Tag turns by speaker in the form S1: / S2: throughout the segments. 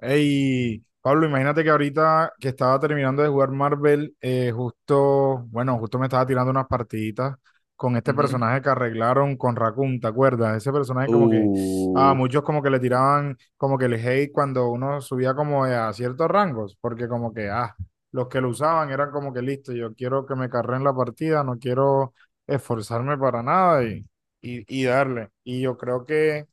S1: Hey Pablo, imagínate que ahorita que estaba terminando de jugar Marvel, bueno, justo me estaba tirando unas partiditas con este
S2: Ujú.
S1: personaje que arreglaron con Raccoon, ¿te acuerdas? Ese personaje como que a
S2: Uh,
S1: muchos como que le tiraban como que el hate cuando uno subía como a ciertos rangos, porque como que, los que lo usaban eran como que listo, yo quiero que me carreen la partida, no quiero esforzarme para nada y, darle. Y yo creo que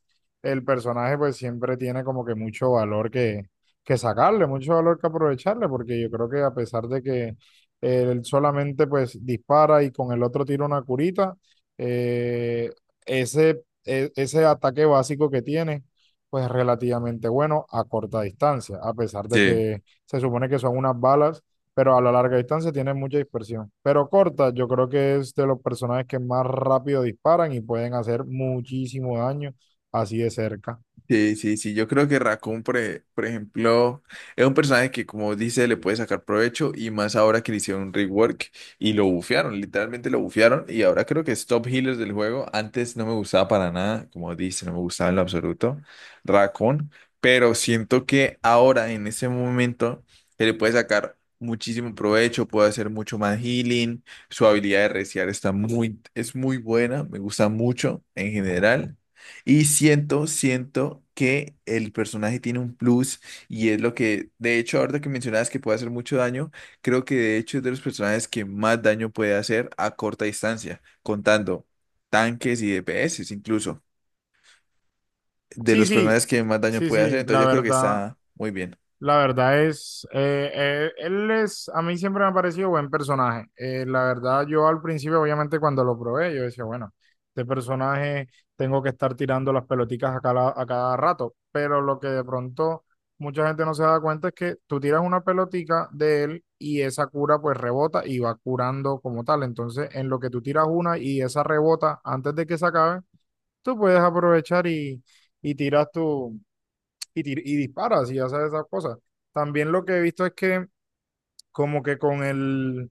S1: el personaje pues siempre tiene como que mucho valor que sacarle, mucho valor que aprovecharle, porque yo creo que a pesar de que él solamente pues dispara y con el otro tira una curita, eh, ese ataque básico que tiene pues es relativamente bueno a corta distancia, a pesar de
S2: Sí.
S1: que se supone que son unas balas, pero a la larga distancia tiene mucha dispersión. Pero corta, yo creo que es de los personajes que más rápido disparan y pueden hacer muchísimo daño así de cerca.
S2: Sí, sí, sí, yo creo que Raccoon, por ejemplo, es un personaje que, como dice, le puede sacar provecho y más ahora que le hicieron un rework y lo bufearon. Literalmente lo bufearon y ahora creo que es top healer del juego. Antes no me gustaba para nada, como dice, no me gustaba en lo absoluto Raccoon, pero siento que ahora, en ese momento, se le puede sacar muchísimo provecho, puede hacer mucho más healing, su habilidad de reciar es muy buena, me gusta mucho en general. Y siento que el personaje tiene un plus y es lo que, de hecho, ahorita que mencionabas que puede hacer mucho daño, creo que de hecho es de los personajes que más daño puede hacer a corta distancia, contando tanques y DPS incluso, de
S1: Sí,
S2: los personajes
S1: sí,
S2: que más daño
S1: sí,
S2: puede hacer,
S1: sí, la
S2: entonces yo creo que
S1: verdad,
S2: está muy bien.
S1: la verdad es, a mí siempre me ha parecido buen personaje. La verdad, yo al principio, obviamente, cuando lo probé, yo decía, bueno, este personaje tengo que estar tirando las pelotitas a cada rato, pero lo que de pronto mucha gente no se da cuenta es que tú tiras una pelotica de él y esa cura pues rebota y va curando como tal. Entonces, en lo que tú tiras una y esa rebota antes de que se acabe tú puedes aprovechar y tiras tu, y disparas y haces esas cosas. También lo que he visto es que como que con el,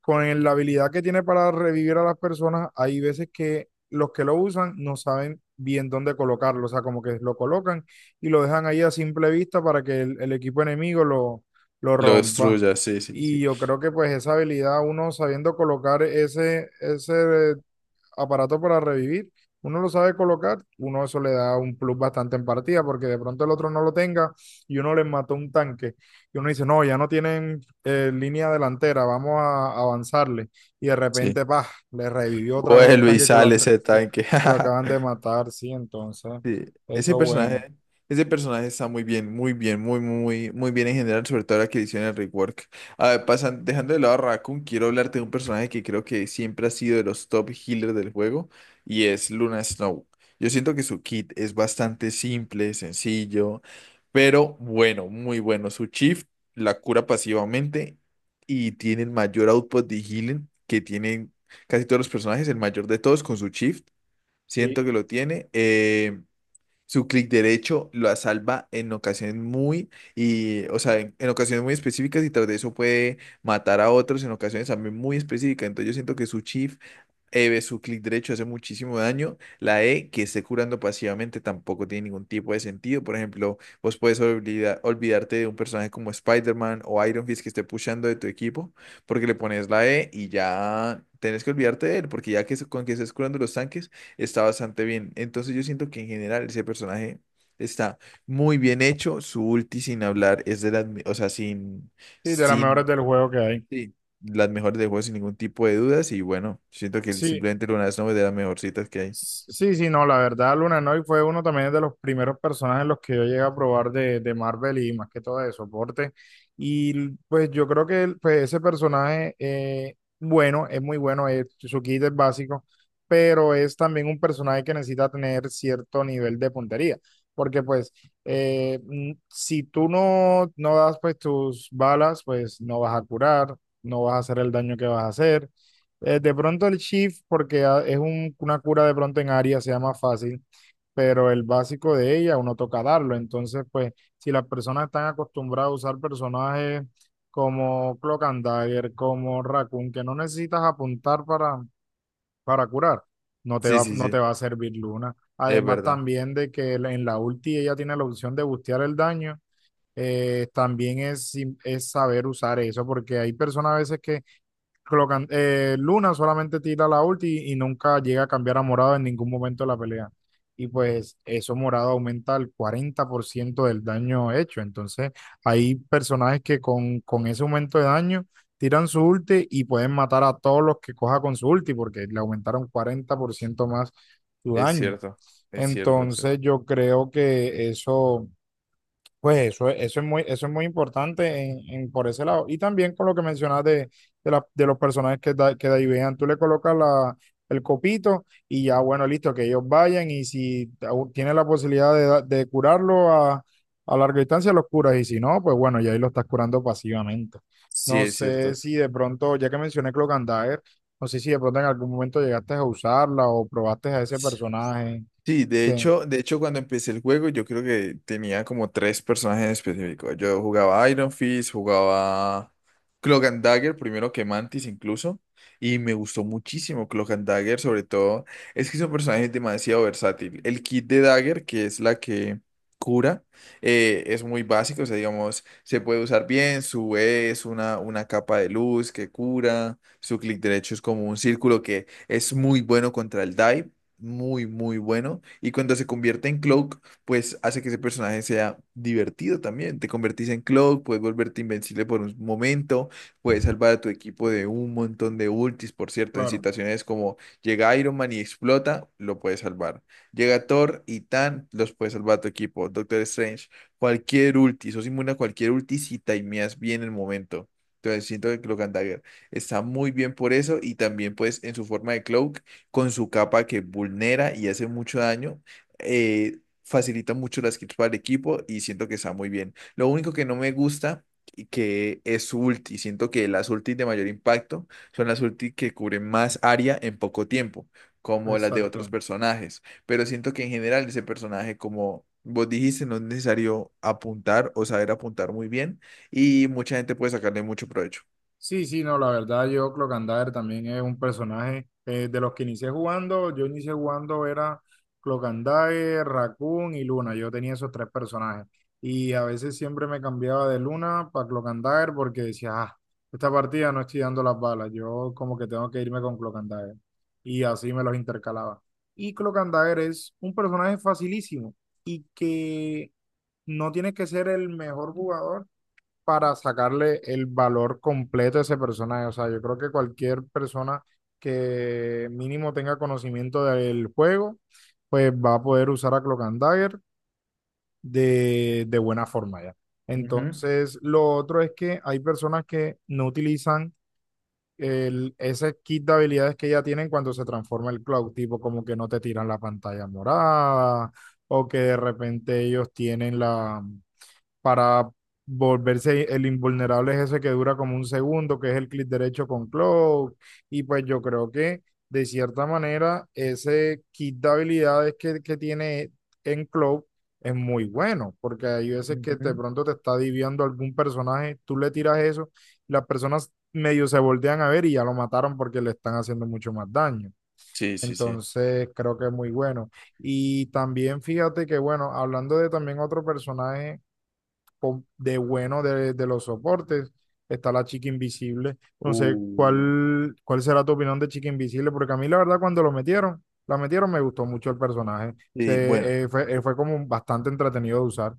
S1: la habilidad que tiene para revivir a las personas, hay veces que los que lo usan no saben bien dónde colocarlo, o sea, como que lo colocan y lo dejan ahí a simple vista para que el equipo enemigo lo
S2: Lo
S1: rompa.
S2: destruya, sí, sí,
S1: Y
S2: sí.
S1: yo creo que pues esa habilidad, uno sabiendo colocar ese aparato para revivir, uno lo sabe colocar, uno eso le da un plus bastante en partida, porque de pronto el otro no lo tenga y uno les mató un tanque. Y uno dice, no, ya no tienen línea delantera, vamos a avanzarle. Y de
S2: Sí.
S1: repente, pa, le revivió otra vez el
S2: Vuelve y
S1: tanque que lo,
S2: sale
S1: ac-
S2: ese
S1: que-
S2: tanque.
S1: que lo acaban de matar, sí, entonces,
S2: Sí, ese
S1: eso es bueno.
S2: personaje, ese personaje está muy bien, muy bien, muy, muy, muy bien en general, sobre todo la que le hicieron el rework. A ver, pasan, dejando de lado a Raccoon, quiero hablarte de un personaje que creo que siempre ha sido de los top healers del juego, y es Luna Snow. Yo siento que su kit es bastante simple, sencillo, pero bueno, muy bueno. Su Chief la cura pasivamente y tiene el mayor output de healing que tienen casi todos los personajes, el mayor de todos con su Chief.
S1: Y,
S2: Siento que lo tiene. Su clic derecho lo salva en ocasiones muy, y, o sea, en ocasiones muy específicas y tras de eso puede matar a otros en ocasiones también muy específicas. Entonces yo siento que su chi e su clic derecho hace muchísimo daño. La E que esté curando pasivamente tampoco tiene ningún tipo de sentido. Por ejemplo, vos puedes olvidarte de un personaje como Spider-Man o Iron Fist que esté pushando de tu equipo, porque le pones la E y ya tenés que olvidarte de él, porque ya con que estés curando los tanques está bastante bien. Entonces yo siento que en general ese personaje está muy bien hecho. Su ulti sin hablar es de las, o sea, sin,
S1: y de las mejores
S2: sin
S1: del juego que hay.
S2: Sí. Las mejores del juego sin ningún tipo de dudas y bueno, siento que
S1: Sí,
S2: simplemente Luna Snow es de las mejorcitas que hay.
S1: sí, sí, no, la verdad, Luna Noy fue uno también de los primeros personajes los que yo llegué a probar de Marvel y más que todo de soporte. Y pues yo creo que pues, ese personaje, bueno, es muy bueno, su kit es básico, pero es también un personaje que necesita tener cierto nivel de puntería, porque pues si tú no das pues tus balas, pues no vas a curar, no vas a hacer el daño que vas a hacer. De pronto el Shift, porque una cura de pronto en área, sea más fácil, pero el básico de ella uno toca darlo. Entonces, pues, si las personas están acostumbradas a usar personajes como Cloak and Dagger, como Raccoon, que no necesitas apuntar para, curar, no te
S2: Sí,
S1: va,
S2: sí,
S1: no
S2: sí,
S1: te va a servir Luna.
S2: es
S1: Además,
S2: verdad,
S1: también de que en la ulti ella tiene la opción de bustear el daño, también es saber usar eso, porque hay personas a veces que Luna solamente tira la ulti y nunca llega a cambiar a morado en ningún momento de la pelea. Y pues eso morado aumenta el 40% del daño hecho. Entonces hay personajes que con, ese aumento de daño tiran su ulti y pueden matar a todos los que coja con su ulti porque le aumentaron 40% más su
S2: es
S1: daño.
S2: cierto, es cierto eso.
S1: Entonces yo creo que eso es muy importante por ese lado. Y también con lo que mencionas de, de los personajes que de ahí vean, tú le colocas el copito y ya, bueno, listo, que ellos vayan y si aún tienes la posibilidad de curarlo a larga distancia, los curas y si no, pues bueno, ya ahí lo estás curando pasivamente.
S2: Sí,
S1: No
S2: es
S1: sé
S2: cierto.
S1: si de pronto, ya que mencioné Cloak and Dagger, no sé si de pronto en algún momento llegaste a usarla o probaste a ese personaje.
S2: Sí,
S1: Que,
S2: de hecho cuando empecé el juego yo creo que tenía como tres personajes específicos. Yo jugaba Iron Fist, jugaba Cloak and Dagger, primero que Mantis incluso, y me gustó muchísimo Cloak and Dagger. Sobre todo es que son personajes demasiado versátil. El kit de Dagger, que es la que cura, es muy básico, o sea, digamos, se puede usar bien, su E es una capa de luz que cura, su clic derecho es como un círculo que es muy bueno contra el dive, muy, muy bueno. Y cuando se convierte en Cloak, pues hace que ese personaje sea divertido también. Te convertís en Cloak, puedes volverte invencible por un momento, puedes salvar a tu equipo de un montón de ultis. Por cierto, en
S1: claro,
S2: situaciones como llega Iron Man y explota, lo puedes salvar. Llega Thor y Tan, los puedes salvar a tu equipo. Doctor Strange, cualquier ulti, sos inmune a cualquier ulti si timeas bien el momento. Entonces siento que Cloak and Dagger está muy bien por eso, y también pues en su forma de Cloak con su capa que vulnera y hace mucho daño, facilita mucho las kills para el equipo y siento que está muy bien. Lo único que no me gusta y que es su ulti, siento que las ultis de mayor impacto son las ultis que cubren más área en poco tiempo, como las de otros
S1: exacto.
S2: personajes, pero siento que en general ese personaje como... Vos dijiste, no es necesario apuntar o saber apuntar muy bien y mucha gente puede sacarle mucho provecho.
S1: Sí, sí, no, la verdad yo Clocandaver también es un personaje de los que inicié jugando, yo inicié jugando era Clocandaver, Raccoon y Luna, yo tenía esos tres personajes y a veces siempre me cambiaba de Luna para Clocandaver porque decía, esta partida no estoy dando las balas, yo como que tengo que irme con Clocandaver y así me los intercalaba. Y Clocandaver es un personaje facilísimo y que no tienes que ser el mejor jugador para sacarle el valor completo a ese personaje. O sea, yo creo que cualquier persona que mínimo tenga conocimiento del juego, pues va a poder usar a Cloak and Dagger de buena forma ya.
S2: Ujú,
S1: Entonces, lo otro es que hay personas que no utilizan ese kit de habilidades que ya tienen cuando se transforma el Cloud, tipo como que no te tiran la pantalla morada o que de repente ellos tienen la para volverse el invulnerable es ese que dura como un segundo, que es el clic derecho con Cloak. Y pues yo creo que de cierta manera ese kit de habilidades que tiene en Cloak es muy bueno, porque hay veces que de
S2: ujú.
S1: pronto te está diviando algún personaje, tú le tiras eso, las personas medio se voltean a ver y ya lo mataron porque le están haciendo mucho más daño.
S2: Sí, sí, sí.
S1: Entonces creo que es muy bueno. Y también fíjate que, bueno, hablando de también otro personaje de los soportes. Está la chica invisible. No sé
S2: Uh,
S1: cuál será tu opinión de chica invisible, porque a mí la verdad cuando la metieron me gustó mucho el personaje.
S2: Sí, bueno,
S1: Fue como bastante entretenido de usar.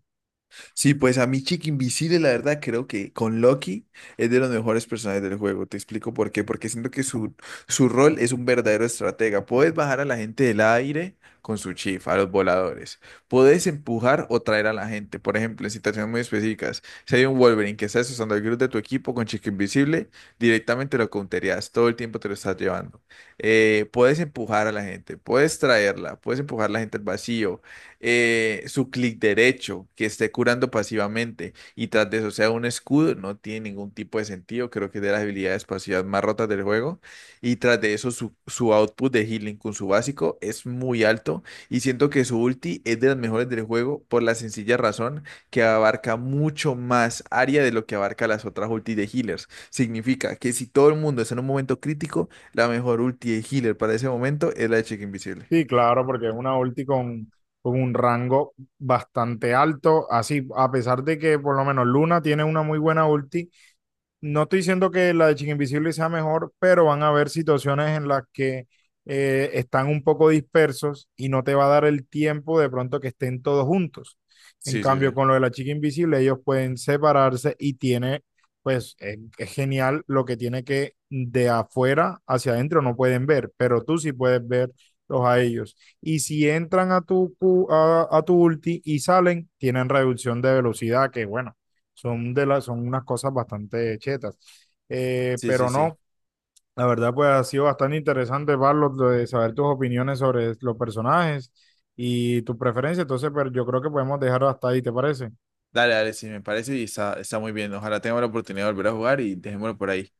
S2: sí, pues a mí Chick Invisible, la verdad, creo que con Loki es de los mejores personajes del juego. Te explico por qué. Porque siento que su rol es un verdadero estratega. Puedes bajar a la gente del aire con su chifa, a los voladores. Puedes empujar o traer a la gente. Por ejemplo, en situaciones muy específicas, si hay un Wolverine que está usando el grupo de tu equipo, con Chick Invisible directamente lo counterías. Todo el tiempo te lo estás llevando. Puedes empujar a la gente, puedes traerla, puedes empujar a la gente al vacío. Su clic derecho, que esté curando pasivamente y tras de eso sea un escudo, no tiene ningún tipo de sentido. Creo que es de las habilidades pasivas más rotas del juego. Y tras de eso, su output de healing con su básico es muy alto. Y siento que su ulti es de las mejores del juego por la sencilla razón que abarca mucho más área de lo que abarca las otras ultis de healers. Significa que si todo el mundo está en un momento crítico, la mejor ulti de healer para ese momento es la de Chica Invisible.
S1: Sí, claro, porque es una ulti con, un rango bastante alto. Así, a pesar de que por lo menos Luna tiene una muy buena ulti, no estoy diciendo que la de Chica Invisible sea mejor, pero van a haber situaciones en las que están un poco dispersos y no te va a dar el tiempo de pronto que estén todos juntos. En
S2: Sí, sí, sí.
S1: cambio, con lo de la Chica Invisible, ellos pueden separarse y pues, es genial lo que tiene que de afuera hacia adentro no pueden ver, pero tú sí puedes verlos a ellos. Y si entran a tu ulti y salen, tienen reducción de velocidad, que bueno son son unas cosas bastante chetas.
S2: Sí, sí,
S1: Pero
S2: sí.
S1: no, la verdad, pues ha sido bastante interesante, Pablo, de saber tus opiniones sobre los personajes y tus preferencias. Entonces, pero yo creo que podemos dejarlo hasta ahí, ¿te parece?
S2: Dale, dale, sí, me parece y está, está muy bien. Ojalá tengamos la oportunidad de volver a jugar y dejémoslo por ahí.